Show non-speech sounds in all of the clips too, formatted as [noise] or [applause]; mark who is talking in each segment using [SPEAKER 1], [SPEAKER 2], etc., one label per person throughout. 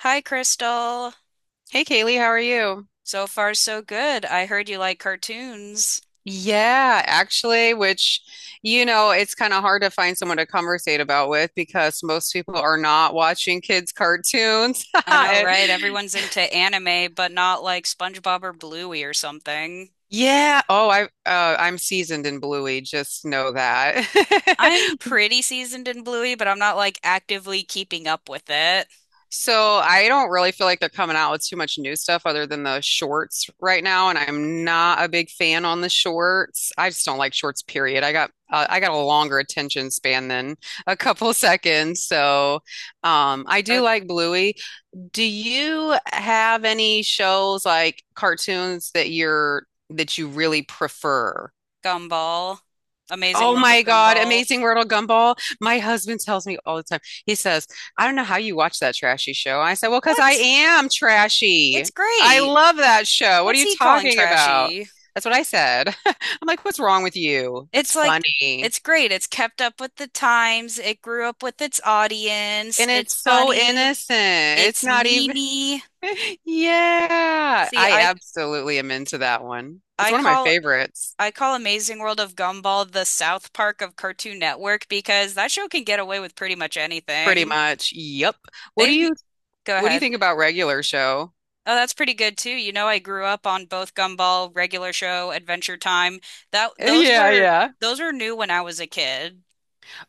[SPEAKER 1] Hi, Crystal.
[SPEAKER 2] Hey Kaylee, how are you?
[SPEAKER 1] So far, so good. I heard you like cartoons.
[SPEAKER 2] Yeah, actually, which, it's kind of hard to find someone to conversate about with because most people are not watching kids' cartoons. [laughs]
[SPEAKER 1] I know,
[SPEAKER 2] It-
[SPEAKER 1] right? Everyone's into anime, but not like SpongeBob or Bluey or something.
[SPEAKER 2] Yeah. Oh, I'm seasoned in Bluey, just know that.
[SPEAKER 1] I'm
[SPEAKER 2] [laughs]
[SPEAKER 1] pretty seasoned in Bluey, but I'm not like actively keeping up with it.
[SPEAKER 2] So I don't really feel like they're coming out with too much new stuff other than the shorts right now, and I'm not a big fan on the shorts. I just don't like shorts, period. I got a longer attention span than a couple [laughs] seconds, so I do
[SPEAKER 1] Or
[SPEAKER 2] like Bluey. Do you have any shows like cartoons that you're that you really prefer?
[SPEAKER 1] Gumball. Amazing
[SPEAKER 2] Oh
[SPEAKER 1] World of
[SPEAKER 2] my God,
[SPEAKER 1] Gumball.
[SPEAKER 2] Amazing World of Gumball. My husband tells me all the time. He says, I don't know how you watch that trashy show. I said, well, because I
[SPEAKER 1] What?
[SPEAKER 2] am trashy.
[SPEAKER 1] It's
[SPEAKER 2] I
[SPEAKER 1] great.
[SPEAKER 2] love that show. What are
[SPEAKER 1] What's
[SPEAKER 2] you
[SPEAKER 1] he calling
[SPEAKER 2] talking about?
[SPEAKER 1] trashy?
[SPEAKER 2] That's what I said. [laughs] I'm like, what's wrong with you? That's
[SPEAKER 1] It's like,
[SPEAKER 2] funny.
[SPEAKER 1] it's great. It's kept up with the times. It grew up with its audience.
[SPEAKER 2] And it's
[SPEAKER 1] It's
[SPEAKER 2] so
[SPEAKER 1] funny.
[SPEAKER 2] innocent. It's
[SPEAKER 1] It's
[SPEAKER 2] not even,
[SPEAKER 1] memey.
[SPEAKER 2] [laughs] yeah.
[SPEAKER 1] See,
[SPEAKER 2] I absolutely am into that one. It's
[SPEAKER 1] I
[SPEAKER 2] one of my
[SPEAKER 1] call
[SPEAKER 2] favorites,
[SPEAKER 1] I call Amazing World of Gumball the South Park of Cartoon Network because that show can get away with pretty much
[SPEAKER 2] pretty
[SPEAKER 1] anything.
[SPEAKER 2] much. Yep. What do
[SPEAKER 1] They've
[SPEAKER 2] you
[SPEAKER 1] go
[SPEAKER 2] what do you
[SPEAKER 1] ahead.
[SPEAKER 2] think about regular show? [laughs]
[SPEAKER 1] Oh, that's pretty good too. You know, I grew up on both Gumball, regular show, Adventure Time. That
[SPEAKER 2] Yeah, yeah.
[SPEAKER 1] those were new when I was a kid.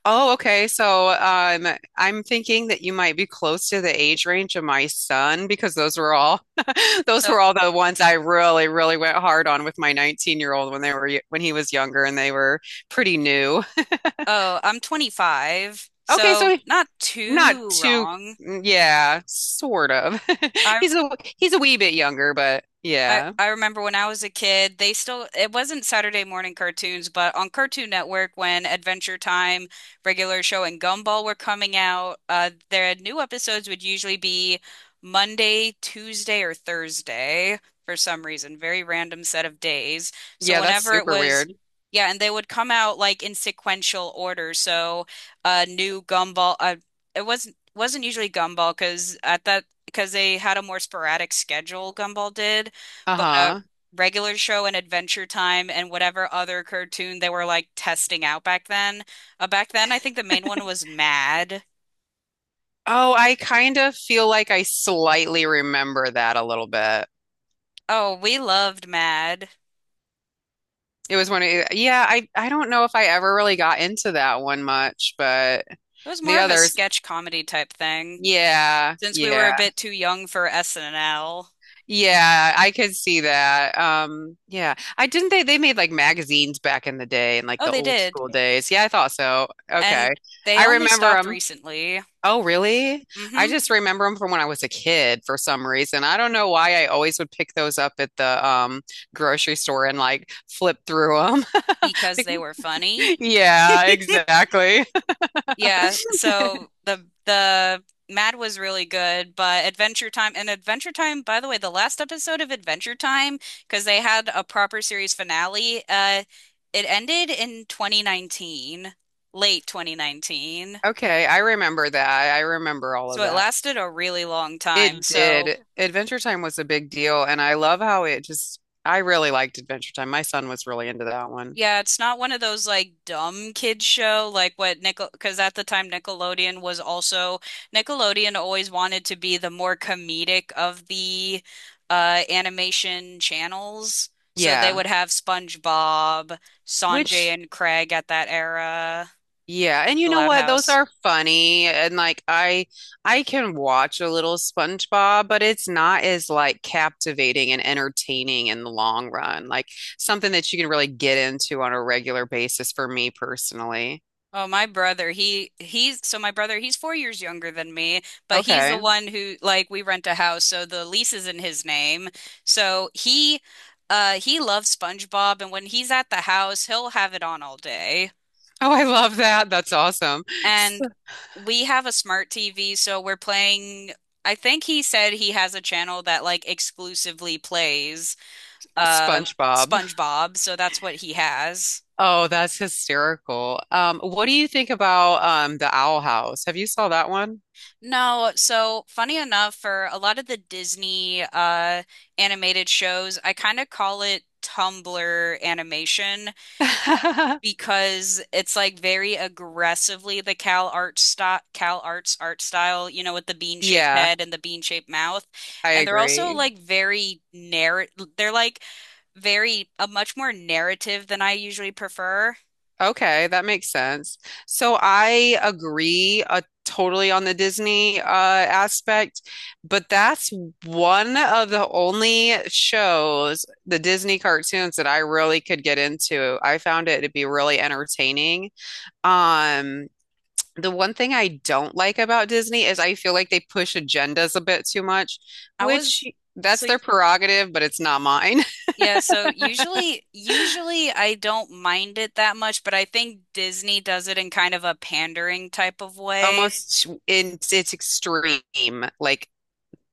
[SPEAKER 2] Oh, okay. So, I'm thinking that you might be close to the age range of my son because those were all [laughs] those
[SPEAKER 1] So,
[SPEAKER 2] were all the ones I really, really went hard on with my 19-year-old when when he was younger and they were pretty new.
[SPEAKER 1] oh, I'm 25,
[SPEAKER 2] Okay,
[SPEAKER 1] so
[SPEAKER 2] so
[SPEAKER 1] not
[SPEAKER 2] not
[SPEAKER 1] too
[SPEAKER 2] too,
[SPEAKER 1] wrong.
[SPEAKER 2] yeah, sort of. [laughs]
[SPEAKER 1] I
[SPEAKER 2] He's a he's a wee bit younger, but yeah.
[SPEAKER 1] I remember when I was a kid, they still, it wasn't Saturday morning cartoons, but on Cartoon Network when Adventure Time, Regular Show, and Gumball were coming out, their new episodes would usually be Monday, Tuesday, or Thursday for some reason, very random set of days. So
[SPEAKER 2] Yeah, that's
[SPEAKER 1] whenever it
[SPEAKER 2] super
[SPEAKER 1] was,
[SPEAKER 2] weird.
[SPEAKER 1] yeah, and they would come out like in sequential order. So new Gumball, uh, it wasn't usually Gumball because at that because they had a more sporadic schedule, Gumball did but
[SPEAKER 2] Uh-huh.
[SPEAKER 1] regular show and Adventure Time and whatever other cartoon they were like testing out back then. Back then, I think the main one was Mad.
[SPEAKER 2] Oh, I kind of feel like I slightly remember that a little bit.
[SPEAKER 1] Oh, we loved Mad.
[SPEAKER 2] It was one of, yeah, I don't know if I ever really got into that one much, but
[SPEAKER 1] It was
[SPEAKER 2] the
[SPEAKER 1] more of a
[SPEAKER 2] others,
[SPEAKER 1] sketch comedy type thing
[SPEAKER 2] yeah,
[SPEAKER 1] since we were a
[SPEAKER 2] yeah,
[SPEAKER 1] bit too young for SNL.
[SPEAKER 2] yeah, I could see that. Yeah, I didn't they made like magazines back in the day in like
[SPEAKER 1] Oh,
[SPEAKER 2] the
[SPEAKER 1] they
[SPEAKER 2] old
[SPEAKER 1] did.
[SPEAKER 2] school days. Yeah, I thought so. Okay.
[SPEAKER 1] And they
[SPEAKER 2] I
[SPEAKER 1] only
[SPEAKER 2] remember
[SPEAKER 1] stopped
[SPEAKER 2] them.
[SPEAKER 1] recently.
[SPEAKER 2] Oh, really? I
[SPEAKER 1] hmm
[SPEAKER 2] just remember them from when I was a kid for some reason. I don't know why I always would pick those up at the grocery store and like flip through them. [laughs]
[SPEAKER 1] Because
[SPEAKER 2] Like,
[SPEAKER 1] they were funny.
[SPEAKER 2] yeah, exactly.
[SPEAKER 1] Yeah,
[SPEAKER 2] [laughs]
[SPEAKER 1] so the Mad was really good, but Adventure Time and Adventure Time, by the way, the last episode of Adventure Time, because they had a proper series finale, it ended in 2019, late 2019.
[SPEAKER 2] Okay, I remember that. I remember all
[SPEAKER 1] So
[SPEAKER 2] of
[SPEAKER 1] it
[SPEAKER 2] that.
[SPEAKER 1] lasted a really long
[SPEAKER 2] It.
[SPEAKER 1] time.
[SPEAKER 2] Mhm.
[SPEAKER 1] So
[SPEAKER 2] Did. Adventure Time was a big deal, and I love how I really liked Adventure Time. My son was really into that one.
[SPEAKER 1] yeah, it's not one of those like dumb kids show like what Nickel because at the time Nickelodeon was also Nickelodeon always wanted to be the more comedic of the animation channels. So they
[SPEAKER 2] Yeah.
[SPEAKER 1] would have SpongeBob, Sanjay
[SPEAKER 2] Which,
[SPEAKER 1] and Craig at that era,
[SPEAKER 2] yeah, and you
[SPEAKER 1] The
[SPEAKER 2] know
[SPEAKER 1] Loud
[SPEAKER 2] what? Those
[SPEAKER 1] House.
[SPEAKER 2] are funny, and I can watch a little SpongeBob, but it's not as like captivating and entertaining in the long run. Like something that you can really get into on a regular basis for me personally.
[SPEAKER 1] Oh, my brother, he's 4 years younger than me, but he's the
[SPEAKER 2] Okay.
[SPEAKER 1] one who like we rent a house, so the lease is in his name. So he loves SpongeBob and when he's at the house, he'll have it on all day.
[SPEAKER 2] Oh, I love that. That's awesome.
[SPEAKER 1] And we have a smart TV, so we're playing I think he said he has a channel that like exclusively plays uh
[SPEAKER 2] SpongeBob.
[SPEAKER 1] SpongeBob, so that's what he has.
[SPEAKER 2] Oh, that's hysterical. What do you think about the Owl House? Have you saw that one?
[SPEAKER 1] No, so funny enough, for a lot of the Disney animated shows, I kind of call it Tumblr animation
[SPEAKER 2] [laughs]
[SPEAKER 1] because it's like very aggressively the Cal Arts style, Cal Arts art style, you know, with the bean-shaped
[SPEAKER 2] Yeah,
[SPEAKER 1] head and the bean-shaped mouth.
[SPEAKER 2] I
[SPEAKER 1] And they're also
[SPEAKER 2] agree.
[SPEAKER 1] like very narr they're like very a much more narrative than I usually prefer.
[SPEAKER 2] Okay, that makes sense. So I agree totally on the Disney aspect, but that's one of the only shows, the Disney cartoons that I really could get into. I found it to be really entertaining. Um, The one thing I don't like about Disney is I feel like they push agendas a bit too much,
[SPEAKER 1] I was
[SPEAKER 2] which that's
[SPEAKER 1] so
[SPEAKER 2] their prerogative, but it's not mine.
[SPEAKER 1] Yeah, so usually I don't mind it that much, but I think Disney does it in kind of a pandering type of
[SPEAKER 2] [laughs]
[SPEAKER 1] way.
[SPEAKER 2] Almost it's extreme, like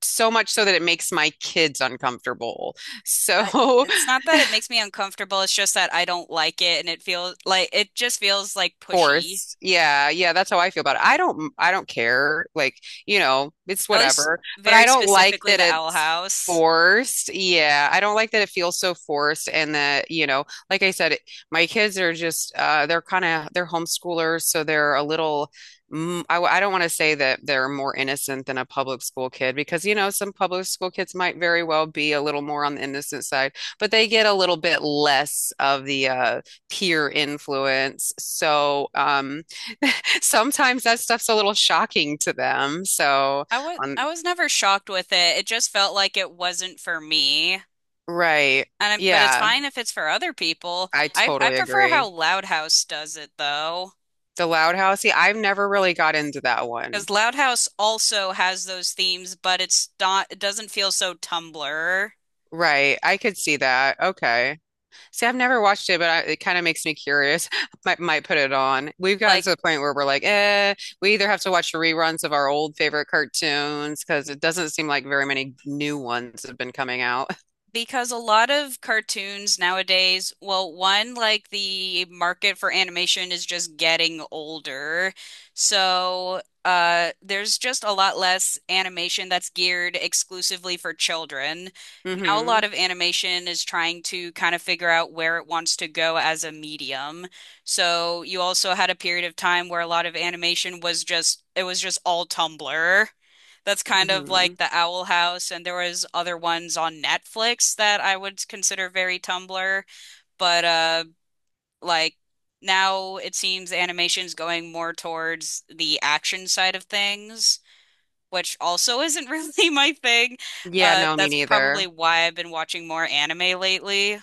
[SPEAKER 2] so much so that it makes my kids uncomfortable. [laughs]
[SPEAKER 1] I,
[SPEAKER 2] So
[SPEAKER 1] it's not that it makes me uncomfortable, it's just that I don't like it and it feels like it just feels like pushy.
[SPEAKER 2] forced. Yeah, yeah, that's how I feel about it. I don't care. Like, it's
[SPEAKER 1] At least
[SPEAKER 2] whatever. But I
[SPEAKER 1] very
[SPEAKER 2] don't like
[SPEAKER 1] specifically
[SPEAKER 2] that
[SPEAKER 1] the Owl
[SPEAKER 2] it's
[SPEAKER 1] House.
[SPEAKER 2] forced. Yeah, I don't like that it feels so forced and that, like I said, my kids are just they're kind of they're homeschoolers, so they're a little I don't want to say that they're more innocent than a public school kid because, some public school kids might very well be a little more on the innocent side, but they get a little bit less of the peer influence. So [laughs] sometimes that stuff's a little shocking to them. So on,
[SPEAKER 1] I was never shocked with it. It just felt like it wasn't for me.
[SPEAKER 2] right.
[SPEAKER 1] And I- but it's
[SPEAKER 2] Yeah,
[SPEAKER 1] fine if it's for other people.
[SPEAKER 2] I
[SPEAKER 1] I
[SPEAKER 2] totally
[SPEAKER 1] prefer how
[SPEAKER 2] agree.
[SPEAKER 1] Loud House does it though.
[SPEAKER 2] The Loud House, see, I've never really got into that one.
[SPEAKER 1] Because Loud House also has those themes, but it's not, it doesn't feel so Tumblr.
[SPEAKER 2] Right. I could see that. Okay. See, I've never watched it, but I, it kind of makes me curious. [laughs] Might put it on. We've gotten
[SPEAKER 1] Like
[SPEAKER 2] to the point where we're like, eh, we either have to watch reruns of our old favorite cartoons because it doesn't seem like very many new ones have been coming out.
[SPEAKER 1] Because a lot of cartoons nowadays, well, one, like the market for animation is just getting older. So, there's just a lot less animation that's geared exclusively for children.
[SPEAKER 2] [laughs]
[SPEAKER 1] Now, a
[SPEAKER 2] hmm
[SPEAKER 1] lot of animation is trying to kind of figure out where it wants to go as a medium. So, you also had a period of time where a lot of animation was just, it was just all Tumblr. That's kind of
[SPEAKER 2] hmm
[SPEAKER 1] like the Owl House, and there was other ones on Netflix that I would consider very Tumblr, but like now it seems animation's going more towards the action side of things, which also isn't [laughs] really my thing.
[SPEAKER 2] Yeah, no, me
[SPEAKER 1] That's probably
[SPEAKER 2] neither.
[SPEAKER 1] why I've been watching more anime lately.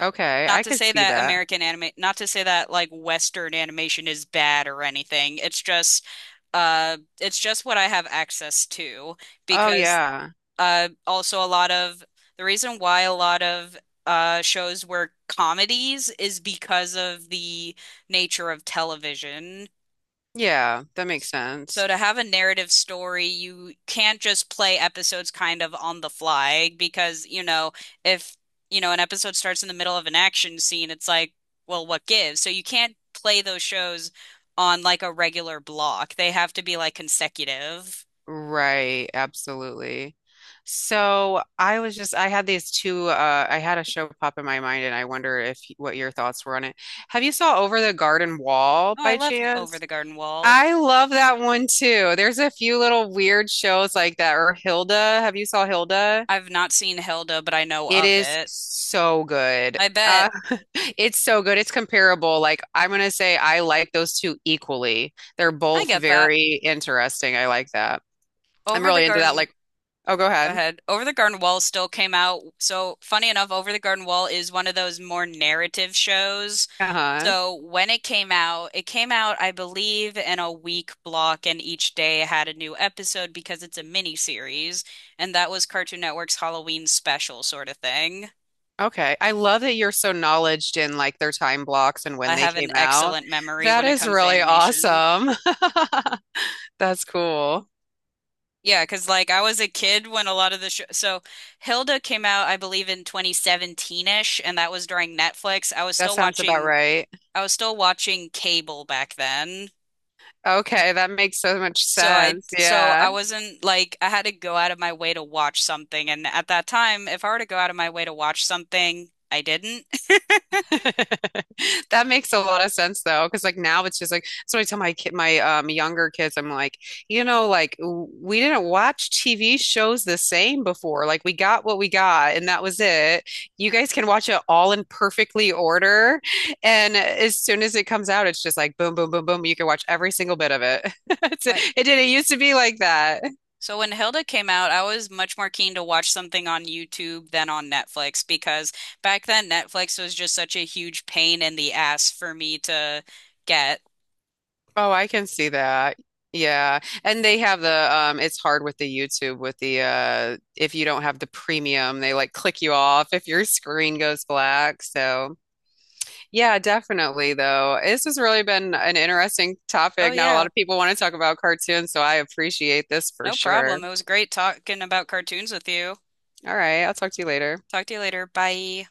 [SPEAKER 2] Okay,
[SPEAKER 1] Not
[SPEAKER 2] I
[SPEAKER 1] to
[SPEAKER 2] could
[SPEAKER 1] say
[SPEAKER 2] see
[SPEAKER 1] that
[SPEAKER 2] that.
[SPEAKER 1] American anime, not to say that like Western animation is bad or anything. It's just what I have access to
[SPEAKER 2] Oh,
[SPEAKER 1] because
[SPEAKER 2] yeah.
[SPEAKER 1] also, a lot of the reason why a lot of shows were comedies is because of the nature of television.
[SPEAKER 2] Yeah, that makes
[SPEAKER 1] So,
[SPEAKER 2] sense.
[SPEAKER 1] to have a narrative story, you can't just play episodes kind of on the fly because, you know, if, you know, an episode starts in the middle of an action scene, it's like, well, what gives? So, you can't play those shows on like a regular block. They have to be like consecutive.
[SPEAKER 2] Right, absolutely. So I was just, I had these two, I had a show pop in my mind and I wonder if what your thoughts were on it. Have you saw Over the Garden Wall
[SPEAKER 1] Oh, I
[SPEAKER 2] by
[SPEAKER 1] love Over
[SPEAKER 2] chance?
[SPEAKER 1] the Garden Wall.
[SPEAKER 2] I love that one too. There's a few little weird shows like that. Or Hilda. Have you saw Hilda?
[SPEAKER 1] I've not seen Hilda, but I know
[SPEAKER 2] It
[SPEAKER 1] of
[SPEAKER 2] is
[SPEAKER 1] it.
[SPEAKER 2] so good.
[SPEAKER 1] I bet.
[SPEAKER 2] Uh, [laughs] it's so good. It's comparable. Like, I'm gonna say I like those two equally. They're
[SPEAKER 1] I
[SPEAKER 2] both
[SPEAKER 1] get that.
[SPEAKER 2] very interesting. I like that. I'm
[SPEAKER 1] Over the
[SPEAKER 2] really into that.
[SPEAKER 1] Garden,
[SPEAKER 2] Like, oh, go
[SPEAKER 1] go
[SPEAKER 2] ahead.
[SPEAKER 1] ahead. Over the Garden Wall still came out. So, funny enough, Over the Garden Wall is one of those more narrative shows.
[SPEAKER 2] Uh-huh.
[SPEAKER 1] So, when it came out, I believe, in a week block, and each day had a new episode because it's a mini series, and that was Cartoon Network's Halloween special sort of thing.
[SPEAKER 2] Okay. I love that you're so knowledged in like their time blocks and when
[SPEAKER 1] I
[SPEAKER 2] they
[SPEAKER 1] have
[SPEAKER 2] came
[SPEAKER 1] an
[SPEAKER 2] out.
[SPEAKER 1] excellent memory
[SPEAKER 2] That
[SPEAKER 1] when it
[SPEAKER 2] is
[SPEAKER 1] comes to
[SPEAKER 2] really
[SPEAKER 1] animation.
[SPEAKER 2] awesome. [laughs] That's cool.
[SPEAKER 1] Yeah, because like I was a kid when a lot of the show. So Hilda came out, I believe, in 2017-ish, and that was during Netflix. I was
[SPEAKER 2] That
[SPEAKER 1] still
[SPEAKER 2] sounds about
[SPEAKER 1] watching.
[SPEAKER 2] right.
[SPEAKER 1] I was still watching cable back then.
[SPEAKER 2] Okay, that makes so much sense.
[SPEAKER 1] So I
[SPEAKER 2] Yeah.
[SPEAKER 1] wasn't like I had to go out of my way to watch something, and at that time, if I were to go out of my way to watch something, I didn't.
[SPEAKER 2] [laughs] That makes a lot of sense though, because like now it's just like so I tell my kid, my younger kids, I'm like, like we didn't watch TV shows the same before. Like we got what we got, and that was it. You guys can watch it all in perfectly order, and as soon as it comes out, it's just like boom, boom, boom, boom. You can watch every single bit of it. [laughs] It's-
[SPEAKER 1] [laughs]
[SPEAKER 2] It didn't used to be like that.
[SPEAKER 1] So when Hilda came out, I was much more keen to watch something on YouTube than on Netflix because back then Netflix was just such a huge pain in the ass for me to get.
[SPEAKER 2] Oh, I can see that. Yeah. And they have the it's hard with the YouTube with the if you don't have the premium, they like click you off if your screen goes black. So, yeah, definitely though. This has really been an interesting
[SPEAKER 1] Oh
[SPEAKER 2] topic. Not a lot
[SPEAKER 1] yeah,
[SPEAKER 2] of people want to talk about cartoons, so I appreciate this for
[SPEAKER 1] no
[SPEAKER 2] sure.
[SPEAKER 1] problem. It was great talking about cartoons with you.
[SPEAKER 2] All right, I'll talk to you later.
[SPEAKER 1] Talk to you later. Bye.